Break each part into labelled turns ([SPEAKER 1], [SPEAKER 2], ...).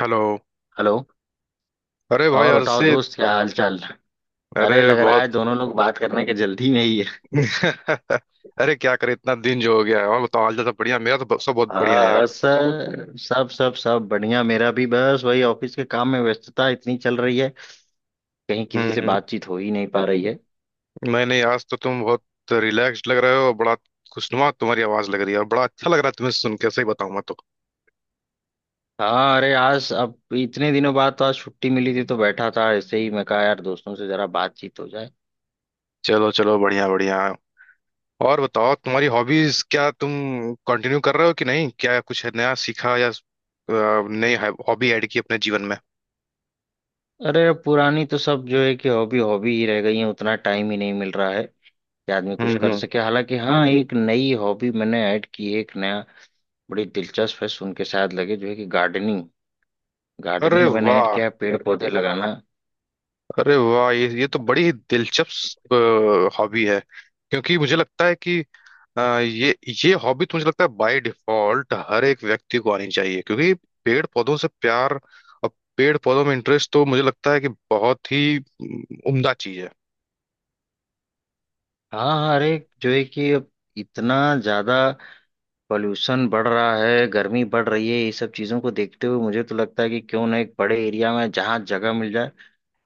[SPEAKER 1] Hello.
[SPEAKER 2] Hello.
[SPEAKER 1] अरे भाई
[SPEAKER 2] और बताओ
[SPEAKER 1] अर्षित।
[SPEAKER 2] दोस्त, क्या हाल चाल। अरे,
[SPEAKER 1] अरे
[SPEAKER 2] लग रहा
[SPEAKER 1] बहुत।
[SPEAKER 2] है दोनों लोग बात करने के जल्दी में ही है।
[SPEAKER 1] अरे क्या करे इतना दिन जो हो गया है। और बताओ हाल चाल सब बढ़िया। मेरा तो सब बहुत बढ़िया है
[SPEAKER 2] हाँ
[SPEAKER 1] यार।
[SPEAKER 2] सर, सब सब सब बढ़िया। मेरा भी बस वही ऑफिस के काम में व्यस्तता इतनी चल रही है, कहीं किसी से
[SPEAKER 1] हम्म।
[SPEAKER 2] बातचीत हो ही नहीं पा रही है।
[SPEAKER 1] मैंने आज तो तुम बहुत रिलैक्स्ड लग रहे हो और बड़ा खुशनुमा तुम्हारी आवाज लग रही है। और बड़ा अच्छा लग रहा है तुम्हें सुन के, सही बताऊं मैं तो।
[SPEAKER 2] हाँ अरे, आज अब इतने दिनों बाद तो आज छुट्टी मिली थी, तो बैठा था ऐसे ही, मैं कहा यार दोस्तों से जरा बातचीत हो जाए।
[SPEAKER 1] चलो चलो बढ़िया बढ़िया। और बताओ तुम्हारी हॉबीज क्या तुम कंटिन्यू कर रहे हो कि नहीं? क्या कुछ नया सीखा या नई हॉबी ऐड की अपने जीवन में?
[SPEAKER 2] अरे, पुरानी तो सब जो है कि हॉबी हॉबी ही रह गई है, उतना टाइम ही नहीं मिल रहा है कि आदमी कुछ
[SPEAKER 1] हम्म
[SPEAKER 2] कर
[SPEAKER 1] हम्म।
[SPEAKER 2] सके। हालांकि हाँ, एक नई हॉबी मैंने ऐड की है, एक नया। बड़ी दिलचस्प है, सुन के शायद लगे, जो है कि गार्डनिंग।
[SPEAKER 1] अरे
[SPEAKER 2] गार्डनिंग मैंने ऐड
[SPEAKER 1] वाह!
[SPEAKER 2] किया है, पेड़ पौधे लगाना।
[SPEAKER 1] अरे वाह, ये तो बड़ी ही दिलचस्प हॉबी है। क्योंकि मुझे लगता है कि अ, ये ये हॉबी तो मुझे लगता है बाय डिफॉल्ट हर एक व्यक्ति को आनी चाहिए। क्योंकि पेड़ पौधों से प्यार और पेड़ पौधों में इंटरेस्ट तो मुझे लगता है कि बहुत ही उम्दा चीज है।
[SPEAKER 2] हाँ हाँ अरे, जो है कि अब इतना ज्यादा पॉल्यूशन बढ़ रहा है, गर्मी बढ़ रही है, ये सब चीजों को देखते हुए मुझे तो लगता है कि क्यों ना एक बड़े एरिया में जहाँ जगह मिल जाए,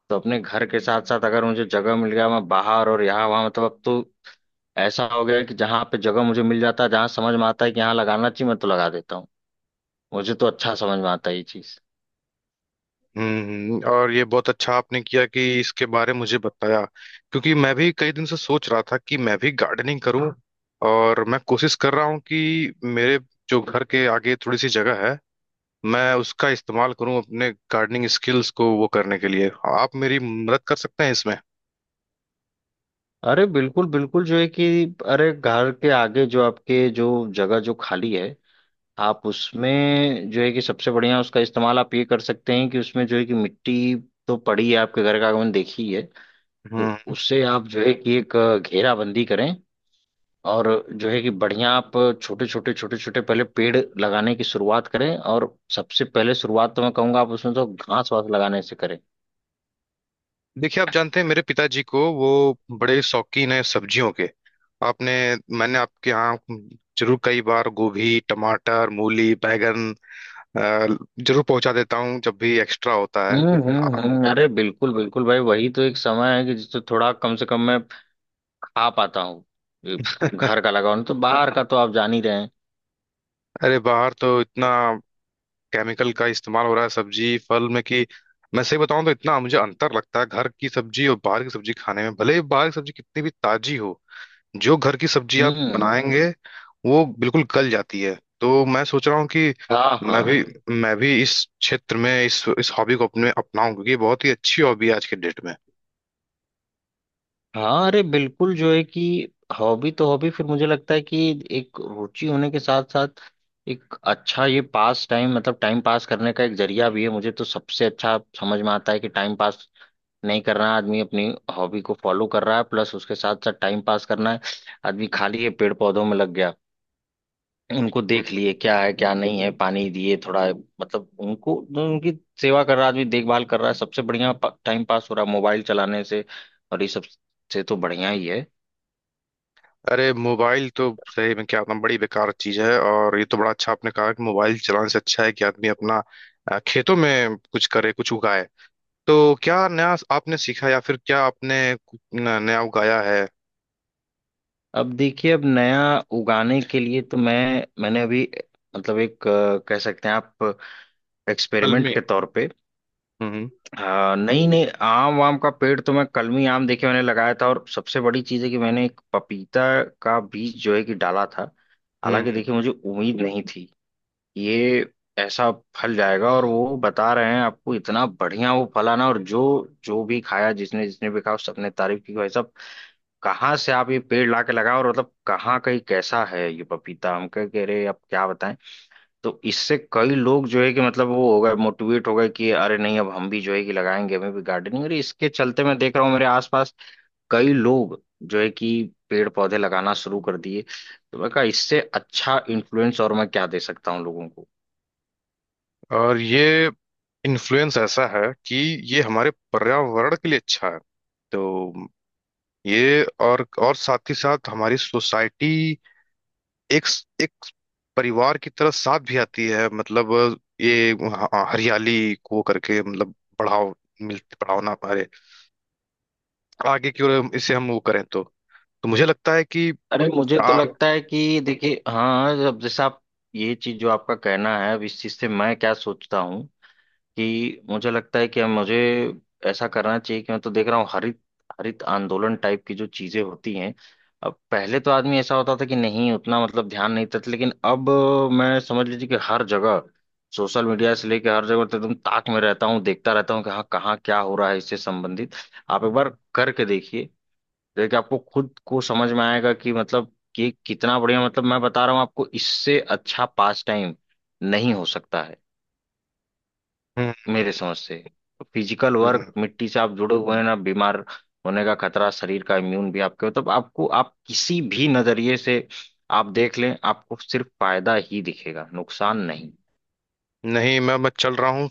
[SPEAKER 2] तो अपने घर के साथ साथ अगर मुझे जगह मिल गया, मैं बाहर और यहाँ वहाँ, मतलब अब तो ऐसा हो गया है कि जहाँ पे जगह मुझे मिल जाता है, जहाँ समझ में आता है कि यहाँ लगाना चाहिए मैं तो लगा देता हूँ। मुझे तो अच्छा समझ में आता है ये चीज।
[SPEAKER 1] और ये बहुत अच्छा आपने किया कि इसके बारे में मुझे बताया। क्योंकि मैं भी कई दिन से सोच रहा था कि मैं भी गार्डनिंग करूं, और मैं कोशिश कर रहा हूं कि मेरे जो घर के आगे थोड़ी सी जगह है, मैं उसका इस्तेमाल करूं अपने गार्डनिंग स्किल्स को वो करने के लिए। आप मेरी मदद कर सकते हैं इसमें?
[SPEAKER 2] अरे बिल्कुल बिल्कुल, जो है कि अरे घर के आगे जो आपके जो जगह जो खाली है, आप उसमें जो है कि सबसे बढ़िया उसका इस्तेमाल आप ये कर सकते हैं कि उसमें जो है कि मिट्टी तो पड़ी है, आपके घर का आंगन देखी है, तो
[SPEAKER 1] हम्म
[SPEAKER 2] उससे आप जो है कि एक घेराबंदी करें, और जो है कि बढ़िया आप छोटे छोटे पहले पेड़ लगाने की शुरुआत करें, और सबसे पहले शुरुआत तो मैं कहूंगा आप उसमें तो घास वास लगाने से करें।
[SPEAKER 1] देखिए, आप जानते हैं मेरे पिताजी को, वो बड़े शौकीन हैं सब्जियों के। आपने मैंने आपके यहाँ जरूर कई बार गोभी, टमाटर, मूली, बैंगन अ, जरूर पहुंचा देता हूँ जब भी एक्स्ट्रा होता है।
[SPEAKER 2] हम्म, हम्म, अरे बिल्कुल बिल्कुल भाई, वही तो एक समय है कि जिससे थोड़ा कम से कम में आ पाता हूँ ये। घर का लगा हुआ, नहीं तो बाहर का तो आप जान ही रहे हैं।
[SPEAKER 1] अरे बाहर तो इतना केमिकल का इस्तेमाल हो रहा है सब्जी फल में कि, मैं सही बताऊं तो इतना मुझे अंतर लगता है घर की सब्जी और बाहर की सब्जी खाने में। भले ही बाहर की सब्जी कितनी भी ताजी हो, जो घर की सब्जी आप
[SPEAKER 2] हम्म।
[SPEAKER 1] बनाएंगे वो बिल्कुल गल जाती है। तो मैं सोच रहा हूँ कि
[SPEAKER 2] हाँ
[SPEAKER 1] मैं
[SPEAKER 2] हाँ।
[SPEAKER 1] भी मैं भी इस क्षेत्र में इस हॉबी को अपने अपनाऊं, क्योंकि ये बहुत ही अच्छी हॉबी है आज के डेट में।
[SPEAKER 2] हाँ अरे बिल्कुल, जो है कि हॉबी तो हॉबी, फिर मुझे लगता है कि एक रुचि होने के साथ साथ एक अच्छा ये पास टाइम, मतलब टाइम पास करने का एक जरिया भी है। मुझे तो सबसे अच्छा समझ में आता है कि टाइम पास नहीं करना है, आदमी अपनी हॉबी को फॉलो कर रहा है, प्लस उसके साथ साथ टाइम पास करना है। आदमी खाली है, पेड़ पौधों में लग गया, उनको देख लिए
[SPEAKER 1] हम्म।
[SPEAKER 2] क्या है क्या नहीं है, पानी दिए थोड़ा, मतलब उनको, उनकी सेवा कर रहा है आदमी, देखभाल कर रहा है। सबसे बढ़िया टाइम पास हो रहा है। मोबाइल चलाने से और ये सब से तो बढ़िया ही है।
[SPEAKER 1] अरे मोबाइल तो, सही में क्या बताऊं, बड़ी बेकार चीज है। और ये तो बड़ा अच्छा आपने कहा कि मोबाइल चलाने से अच्छा है कि आदमी अपना खेतों में कुछ करे, कुछ उगाए। तो क्या नया आपने सीखा, या फिर क्या आपने कुछ नया उगाया है?
[SPEAKER 2] अब देखिए, अब नया उगाने के लिए तो मैं मैंने अभी, मतलब एक, कह सकते हैं आप
[SPEAKER 1] असल
[SPEAKER 2] एक्सपेरिमेंट
[SPEAKER 1] में।
[SPEAKER 2] के तौर पे,
[SPEAKER 1] हम्म
[SPEAKER 2] नई नई आम वाम का पेड़ तो मैं कलमी आम देखे मैंने लगाया था, और सबसे बड़ी चीज़ है कि मैंने एक पपीता का बीज जो है कि डाला था। हालांकि
[SPEAKER 1] हम्म।
[SPEAKER 2] देखिए, मुझे उम्मीद नहीं थी ये ऐसा फल जाएगा, और वो बता रहे हैं आपको इतना बढ़िया वो फल आना, और जो जो भी खाया, जिसने जिसने भी खाया सबने तारीफ की, भाई साहब कहाँ से आप ये पेड़ ला के लगाओ, और मतलब कहाँ कहीं कैसा है ये पपीता, हम कह कह रहे, आप क्या बताएं। तो इससे कई लोग जो है कि मतलब वो हो गए, मोटिवेट हो गए कि अरे नहीं अब हम भी जो है कि लगाएंगे, हमें भी गार्डनिंग, और इसके चलते मैं देख रहा हूँ मेरे आसपास कई लोग जो है कि पेड़ पौधे लगाना शुरू कर दिए। तो मैं कहा, इससे अच्छा इन्फ्लुएंस और मैं क्या दे सकता हूँ लोगों को।
[SPEAKER 1] और ये इन्फ्लुएंस ऐसा है कि ये हमारे पर्यावरण के लिए अच्छा है। तो ये और साथ ही साथ हमारी सोसाइटी एक एक परिवार की तरह साथ भी आती है। मतलब ये हरियाली को करके, मतलब बढ़ाव बढ़ावा ना, हमारे आगे की ओर इसे हम वो करें तो मुझे लगता है कि।
[SPEAKER 2] अरे मुझे तो
[SPEAKER 1] आ,
[SPEAKER 2] लगता है कि देखिए हाँ, अब जैसे आप ये चीज जो आपका कहना है, अब इस चीज से मैं क्या सोचता हूँ कि मुझे लगता है कि मुझे ऐसा करना चाहिए कि मैं तो देख रहा हूँ, हरित हरित आंदोलन टाइप की जो चीजें होती हैं, अब पहले तो आदमी ऐसा होता था कि नहीं उतना मतलब ध्यान नहीं देता था, लेकिन अब मैं समझ लीजिए कि हर जगह, सोशल मीडिया से लेकर हर जगह तो एकदम ताक में रहता हूँ, देखता रहता हूँ कि हाँ कहाँ क्या हो रहा है इससे संबंधित। आप एक बार करके देखिए, देखिए आपको खुद को समझ में आएगा कि मतलब कि कितना बढ़िया। मतलब मैं बता रहा हूँ आपको, इससे अच्छा पास टाइम नहीं हो सकता है मेरे समझ से। फिजिकल वर्क,
[SPEAKER 1] हम्म,
[SPEAKER 2] मिट्टी से आप जुड़े हुए हैं ना, बीमार होने का खतरा, शरीर का इम्यून भी आपके, मतलब आपको, आप किसी भी नजरिए से आप देख लें, आपको सिर्फ फायदा ही दिखेगा, नुकसान नहीं।
[SPEAKER 1] नहीं, मैं चल रहा हूँ,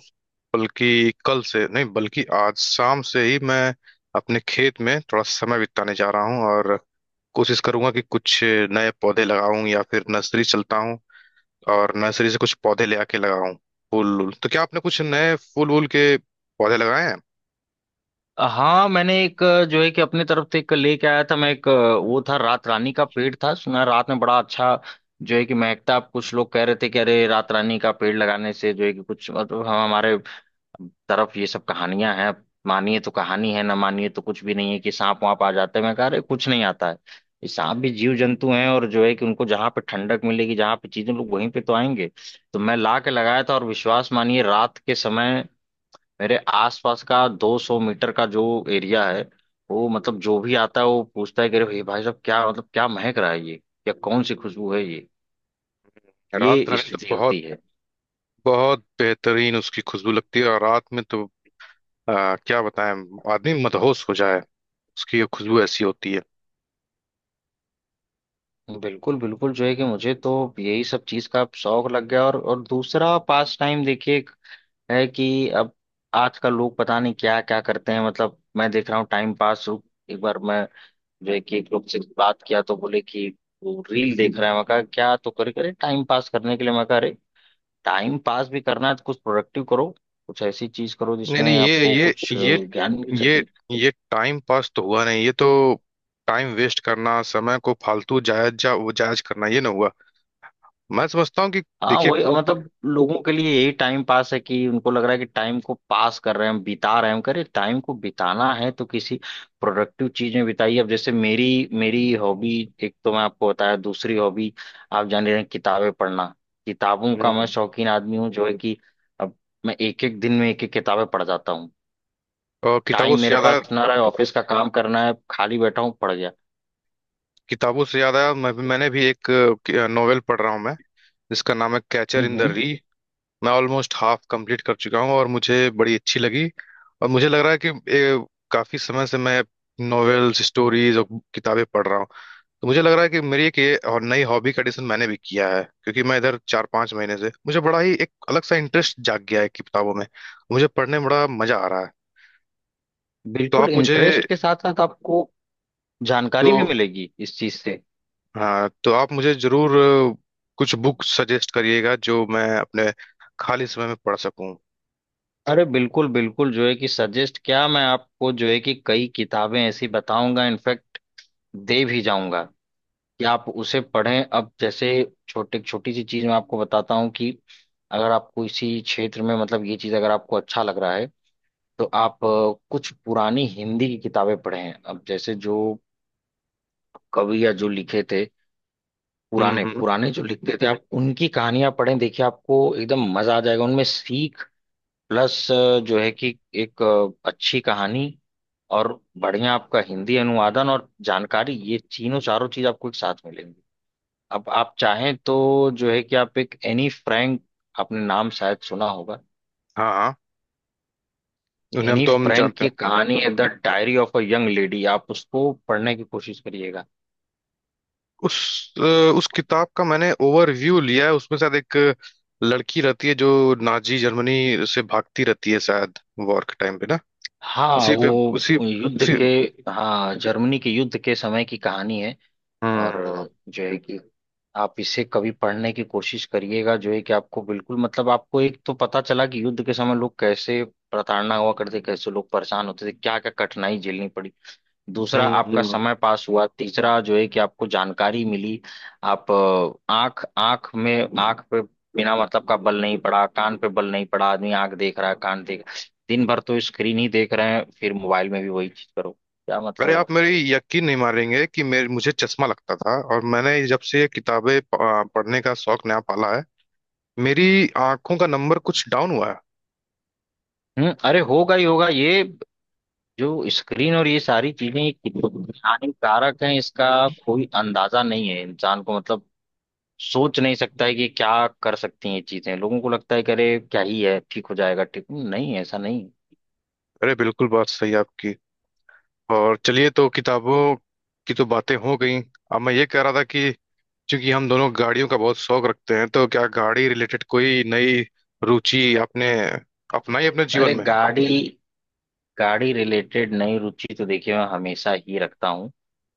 [SPEAKER 1] बल्कि कल से नहीं बल्कि आज शाम से ही मैं अपने खेत में थोड़ा समय बिताने जा रहा हूँ। और कोशिश करूंगा कि कुछ नए पौधे लगाऊं, या फिर नर्सरी चलता हूँ और नर्सरी से कुछ पौधे ले आके लगाऊं। फूल वूल तो, क्या आपने कुछ नए फूल वूल के पौधे लगाए हैं?
[SPEAKER 2] हाँ मैंने एक जो है कि अपने तरफ से एक लेके आया था मैं, एक वो था, रात रानी का पेड़ था। सुना है रात में बड़ा अच्छा जो है कि महकता। अब कुछ लोग कह रहे थे कि अरे रात रानी का पेड़ लगाने से जो है कि कुछ, मतलब हम हमारे तरफ ये सब कहानियां हैं। मानिए तो कहानी है, ना मानिए तो कुछ भी नहीं है, कि सांप वाप आ जाते हैं, मैं कह रहे कुछ नहीं आता है। ये सांप भी जीव जंतु हैं, और जो है कि उनको जहां पे ठंडक मिलेगी, जहां पे चीजें, लोग वहीं पे तो आएंगे। तो मैं ला के लगाया था, और विश्वास मानिए रात के समय मेरे आसपास का 200 मीटर का जो एरिया है, वो मतलब जो भी आता है वो पूछता है कि अरे भाई, भाई साहब क्या मतलब क्या महक रहा है ये, या कौन सी खुशबू है ये
[SPEAKER 1] रात
[SPEAKER 2] ये
[SPEAKER 1] रानी तो
[SPEAKER 2] स्थिति होती
[SPEAKER 1] बहुत
[SPEAKER 2] है।
[SPEAKER 1] बहुत बेहतरीन, उसकी खुशबू लगती है। और रात में तो क्या बताएं, आदमी मदहोश हो जाए, उसकी ये खुशबू ऐसी होती है।
[SPEAKER 2] बिल्कुल बिल्कुल, जो है कि मुझे तो यही सब चीज का शौक लग गया। और दूसरा पास टाइम देखिए, एक है कि अब आज का लोग पता नहीं क्या क्या करते हैं, मतलब मैं देख रहा हूँ टाइम पास। एक बार मैं जो है कि एक लोग से बात किया, तो बोले कि वो रील देख रहा है। मैं कहा क्या, तो करे करे टाइम पास करने के लिए। मैं कहा अरे, टाइम पास भी करना है तो कुछ प्रोडक्टिव करो, कुछ ऐसी चीज करो
[SPEAKER 1] नहीं
[SPEAKER 2] जिसमें
[SPEAKER 1] नहीं,
[SPEAKER 2] आपको कुछ ज्ञान मिल
[SPEAKER 1] ये
[SPEAKER 2] सके।
[SPEAKER 1] ये टाइम पास तो हुआ नहीं। ये तो टाइम वेस्ट करना, समय को फालतू जायज जा वो जायज करना, ये ना हुआ। मैं समझता हूँ कि
[SPEAKER 2] हाँ
[SPEAKER 1] देखिए।
[SPEAKER 2] वही, मतलब लोगों के लिए यही टाइम पास है कि उनको लग रहा है कि टाइम को पास कर रहे हैं हम, बिता रहे हैं हम, करे टाइम को बिताना है तो किसी प्रोडक्टिव चीज में बिताइए। अब जैसे मेरी मेरी हॉबी, एक तो मैं आपको बताया, दूसरी हॉबी आप जान रहे हैं, किताबें पढ़ना। किताबों का मैं
[SPEAKER 1] हम्म।
[SPEAKER 2] शौकीन आदमी हूँ जो है कि अब मैं एक एक दिन में एक एक किताबें पढ़ जाता हूँ।
[SPEAKER 1] और किताबों
[SPEAKER 2] टाइम
[SPEAKER 1] से
[SPEAKER 2] मेरे
[SPEAKER 1] ज्यादा
[SPEAKER 2] पास ना रहे, ऑफिस का काम करना है, खाली बैठा हूँ, पढ़ गया।
[SPEAKER 1] किताबों से ज्यादा मैंने भी एक नोवेल पढ़ रहा हूँ मैं, जिसका नाम है catcher in the
[SPEAKER 2] hmm.
[SPEAKER 1] Rye. मैं ऑलमोस्ट हाफ कंप्लीट कर चुका हूँ और मुझे बड़ी अच्छी लगी। और मुझे लग रहा है कि काफी समय से मैं नोवेल्स, स्टोरीज और किताबें पढ़ रहा हूँ। तो मुझे लग रहा है कि मेरी एक ये और नई हॉबी का एडिशन मैंने भी किया है, क्योंकि मैं इधर 4-5 महीने से मुझे बड़ा ही एक अलग सा इंटरेस्ट जाग गया है कि किताबों में मुझे पढ़ने में बड़ा मजा आ रहा है। तो
[SPEAKER 2] बिल्कुल,
[SPEAKER 1] आप मुझे
[SPEAKER 2] इंटरेस्ट के साथ साथ आपको
[SPEAKER 1] तो
[SPEAKER 2] जानकारी भी मिलेगी इस चीज से।
[SPEAKER 1] हाँ, तो आप मुझे जरूर अ, कुछ बुक सजेस्ट करिएगा जो मैं अपने खाली समय में पढ़ सकूं।
[SPEAKER 2] अरे बिल्कुल बिल्कुल, जो है कि सजेस्ट क्या, मैं आपको जो है कि कई किताबें ऐसी बताऊंगा, इनफैक्ट दे भी जाऊंगा, कि आप उसे पढ़ें। अब जैसे, छोटे छोटी सी चीज मैं आपको बताता हूँ कि अगर आपको इसी क्षेत्र में, मतलब ये चीज अगर आपको अच्छा लग रहा है, तो आप कुछ पुरानी हिंदी की किताबें पढ़ें। अब जैसे जो कवि या जो लिखे थे, पुराने
[SPEAKER 1] हम्म।
[SPEAKER 2] पुराने जो लिखते थे, आप उनकी कहानियां पढ़ें, देखिए आपको एकदम मजा आ जाएगा, उनमें सीख, प्लस जो है कि एक अच्छी कहानी, और बढ़िया आपका हिंदी अनुवादन और जानकारी, ये तीनों चारों चीज आपको एक साथ मिलेंगी। अब आप चाहें तो जो है कि आप एक एनी फ्रैंक, आपने नाम शायद सुना होगा।
[SPEAKER 1] हाँ हाँ, उन्हें हम
[SPEAKER 2] एनी
[SPEAKER 1] तो हम
[SPEAKER 2] फ्रैंक
[SPEAKER 1] जानते
[SPEAKER 2] की
[SPEAKER 1] हैं।
[SPEAKER 2] कहानी है the diary of a young lady, आप उसको पढ़ने की कोशिश करिएगा।
[SPEAKER 1] उस अ, उस किताब का मैंने ओवरव्यू लिया है। उसमें शायद एक लड़की रहती है जो नाजी जर्मनी से भागती रहती है शायद, वॉर के टाइम पे ना।
[SPEAKER 2] हाँ
[SPEAKER 1] उसी पे, उसी
[SPEAKER 2] वो युद्ध
[SPEAKER 1] उसी
[SPEAKER 2] के। हाँ, जर्मनी के युद्ध के समय की कहानी है। और
[SPEAKER 1] हम्म
[SPEAKER 2] जो है कि आप इसे कभी पढ़ने की कोशिश करिएगा, जो है कि आपको बिल्कुल, मतलब आपको एक तो पता चला कि युद्ध के समय लोग कैसे प्रताड़ना हुआ करते, कैसे लोग परेशान होते थे, क्या क्या कठिनाई झेलनी पड़ी। दूसरा, आपका
[SPEAKER 1] हम्म।
[SPEAKER 2] समय पास हुआ। तीसरा जो है कि आपको जानकारी मिली। आप आंख, आंख में आंख पे बिना मतलब का बल नहीं पड़ा, कान पे बल नहीं पड़ा, आदमी आंख देख रहा है, कान देख। दिन भर तो स्क्रीन ही देख रहे हैं, फिर मोबाइल में भी वही चीज करो, क्या
[SPEAKER 1] अरे
[SPEAKER 2] मतलब है।
[SPEAKER 1] आप मेरी यकीन नहीं मारेंगे कि मेरे मुझे चश्मा लगता था, और मैंने जब से ये किताबें पढ़ने का शौक नया पाला है, मेरी आंखों का नंबर कुछ डाउन हुआ है।
[SPEAKER 2] हम्म। अरे होगा ही होगा ये, जो स्क्रीन और ये सारी चीजें, ये कितनी हानिकारक हैं, इसका कोई अंदाजा नहीं है इंसान को। मतलब सोच नहीं सकता है कि क्या कर सकती हैं ये चीजें। लोगों को लगता है कि अरे क्या ही है, ठीक हो जाएगा। ठीक नहीं, ऐसा नहीं।
[SPEAKER 1] अरे बिल्कुल, बात सही है आपकी। और चलिए तो किताबों की तो बातें हो गई। अब मैं ये कह रहा था कि चूंकि हम दोनों गाड़ियों का बहुत शौक रखते हैं, तो क्या गाड़ी रिलेटेड कोई नई रुचि आपने अपनाई अपने जीवन
[SPEAKER 2] अरे
[SPEAKER 1] में?
[SPEAKER 2] गाड़ी, गाड़ी रिलेटेड नई रुचि तो देखिए मैं हमेशा ही रखता हूँ।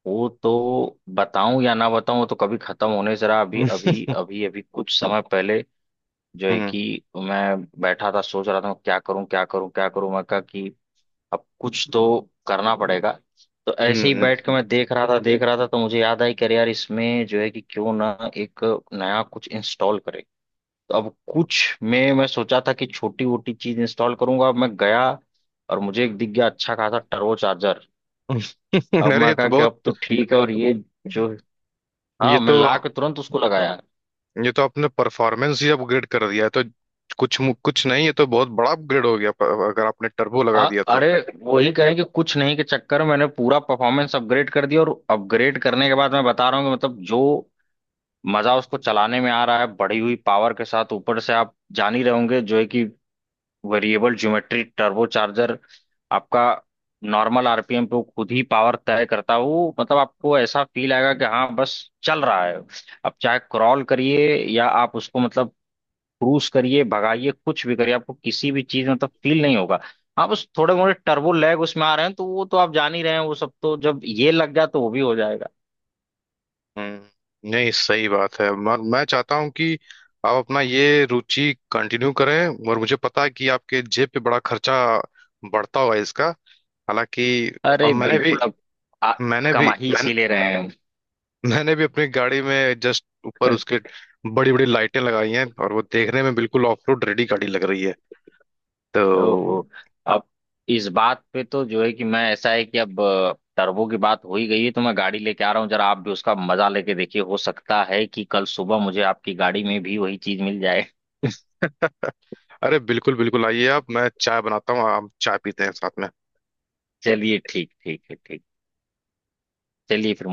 [SPEAKER 2] वो तो बताऊं या ना बताऊं, वो तो कभी खत्म होने, जरा अभी अभी अभी अभी कुछ समय पहले जो है
[SPEAKER 1] हम्म
[SPEAKER 2] कि मैं बैठा था, सोच रहा था क्या करूं क्या करूं क्या करूं। मैं कहा कि अब कुछ तो करना पड़ेगा। तो ऐसे ही
[SPEAKER 1] हम्म।
[SPEAKER 2] बैठ के मैं देख रहा था देख रहा था, तो मुझे याद आई कि अरे यार इसमें जो है कि क्यों ना एक नया कुछ इंस्टॉल करें। तो अब कुछ में मैं सोचा था कि छोटी वोटी चीज इंस्टॉल करूंगा। अब मैं गया, और मुझे एक दिख गया, अच्छा खासा टर्बो चार्जर। अब
[SPEAKER 1] अरे ये
[SPEAKER 2] मैं
[SPEAKER 1] तो
[SPEAKER 2] कहा कि
[SPEAKER 1] बहुत!
[SPEAKER 2] अब तो ठीक है, और ये जो,
[SPEAKER 1] ये
[SPEAKER 2] हाँ मैं
[SPEAKER 1] तो
[SPEAKER 2] ला के तुरंत उसको लगाया।
[SPEAKER 1] ये तो आपने परफॉर्मेंस ही अपग्रेड कर दिया है तो। कुछ नहीं, ये तो बहुत बड़ा अपग्रेड हो गया अगर आपने टर्बो लगा
[SPEAKER 2] हाँ
[SPEAKER 1] दिया तो।
[SPEAKER 2] अरे वही, कहें कि कुछ नहीं के चक्कर में मैंने पूरा परफॉर्मेंस अपग्रेड कर दिया। और अपग्रेड करने के बाद मैं बता रहा हूँ कि मतलब जो मजा उसको चलाने में आ रहा है बढ़ी हुई पावर के साथ, ऊपर से आप जान ही रहे होंगे जो है कि वेरिएबल ज्योमेट्री टर्बो चार्जर आपका, नॉर्मल आरपीएम पे वो खुद ही पावर तय करता है। वो मतलब आपको ऐसा फील आएगा कि हाँ बस चल रहा है। आप चाहे क्रॉल करिए, या आप उसको मतलब क्रूज करिए, भगाइए, कुछ भी करिए, आपको किसी भी चीज में मतलब फील नहीं होगा। हाँ बस थोड़े मोड़े टर्बो लैग उसमें आ रहे हैं, तो वो तो आप जान ही रहे हैं, वो सब तो जब ये लग गया तो वो भी हो जाएगा।
[SPEAKER 1] नहीं, सही बात है, मैं चाहता हूँ कि आप अपना ये रुचि कंटिन्यू करें, और मुझे पता है कि आपके जेब पे बड़ा खर्चा बढ़ता हुआ है इसका। हालांकि अब
[SPEAKER 2] अरे बिल्कुल, अब आ,
[SPEAKER 1] मैंने भी
[SPEAKER 2] कमा ही
[SPEAKER 1] मैंने,
[SPEAKER 2] इसीलिए रहे हैं।
[SPEAKER 1] मैंने भी अपनी गाड़ी में जस्ट ऊपर उसके बड़ी बड़ी लाइटें लगाई हैं, और वो देखने में बिल्कुल ऑफ रोड रेडी गाड़ी लग रही है तो।
[SPEAKER 2] ओहो। अब इस बात पे तो जो है कि मैं, ऐसा है कि अब टर्बो की बात हो ही गई है, तो मैं गाड़ी लेके आ रहा हूँ, जरा आप भी उसका मजा लेके देखिए, हो सकता है कि कल सुबह मुझे आपकी गाड़ी में भी वही चीज मिल जाए।
[SPEAKER 1] अरे बिल्कुल बिल्कुल, आइए आप, मैं चाय बनाता हूँ, आप चाय पीते हैं साथ में।
[SPEAKER 2] चलिए ठीक, ठीक है, ठीक। चलिए फिर।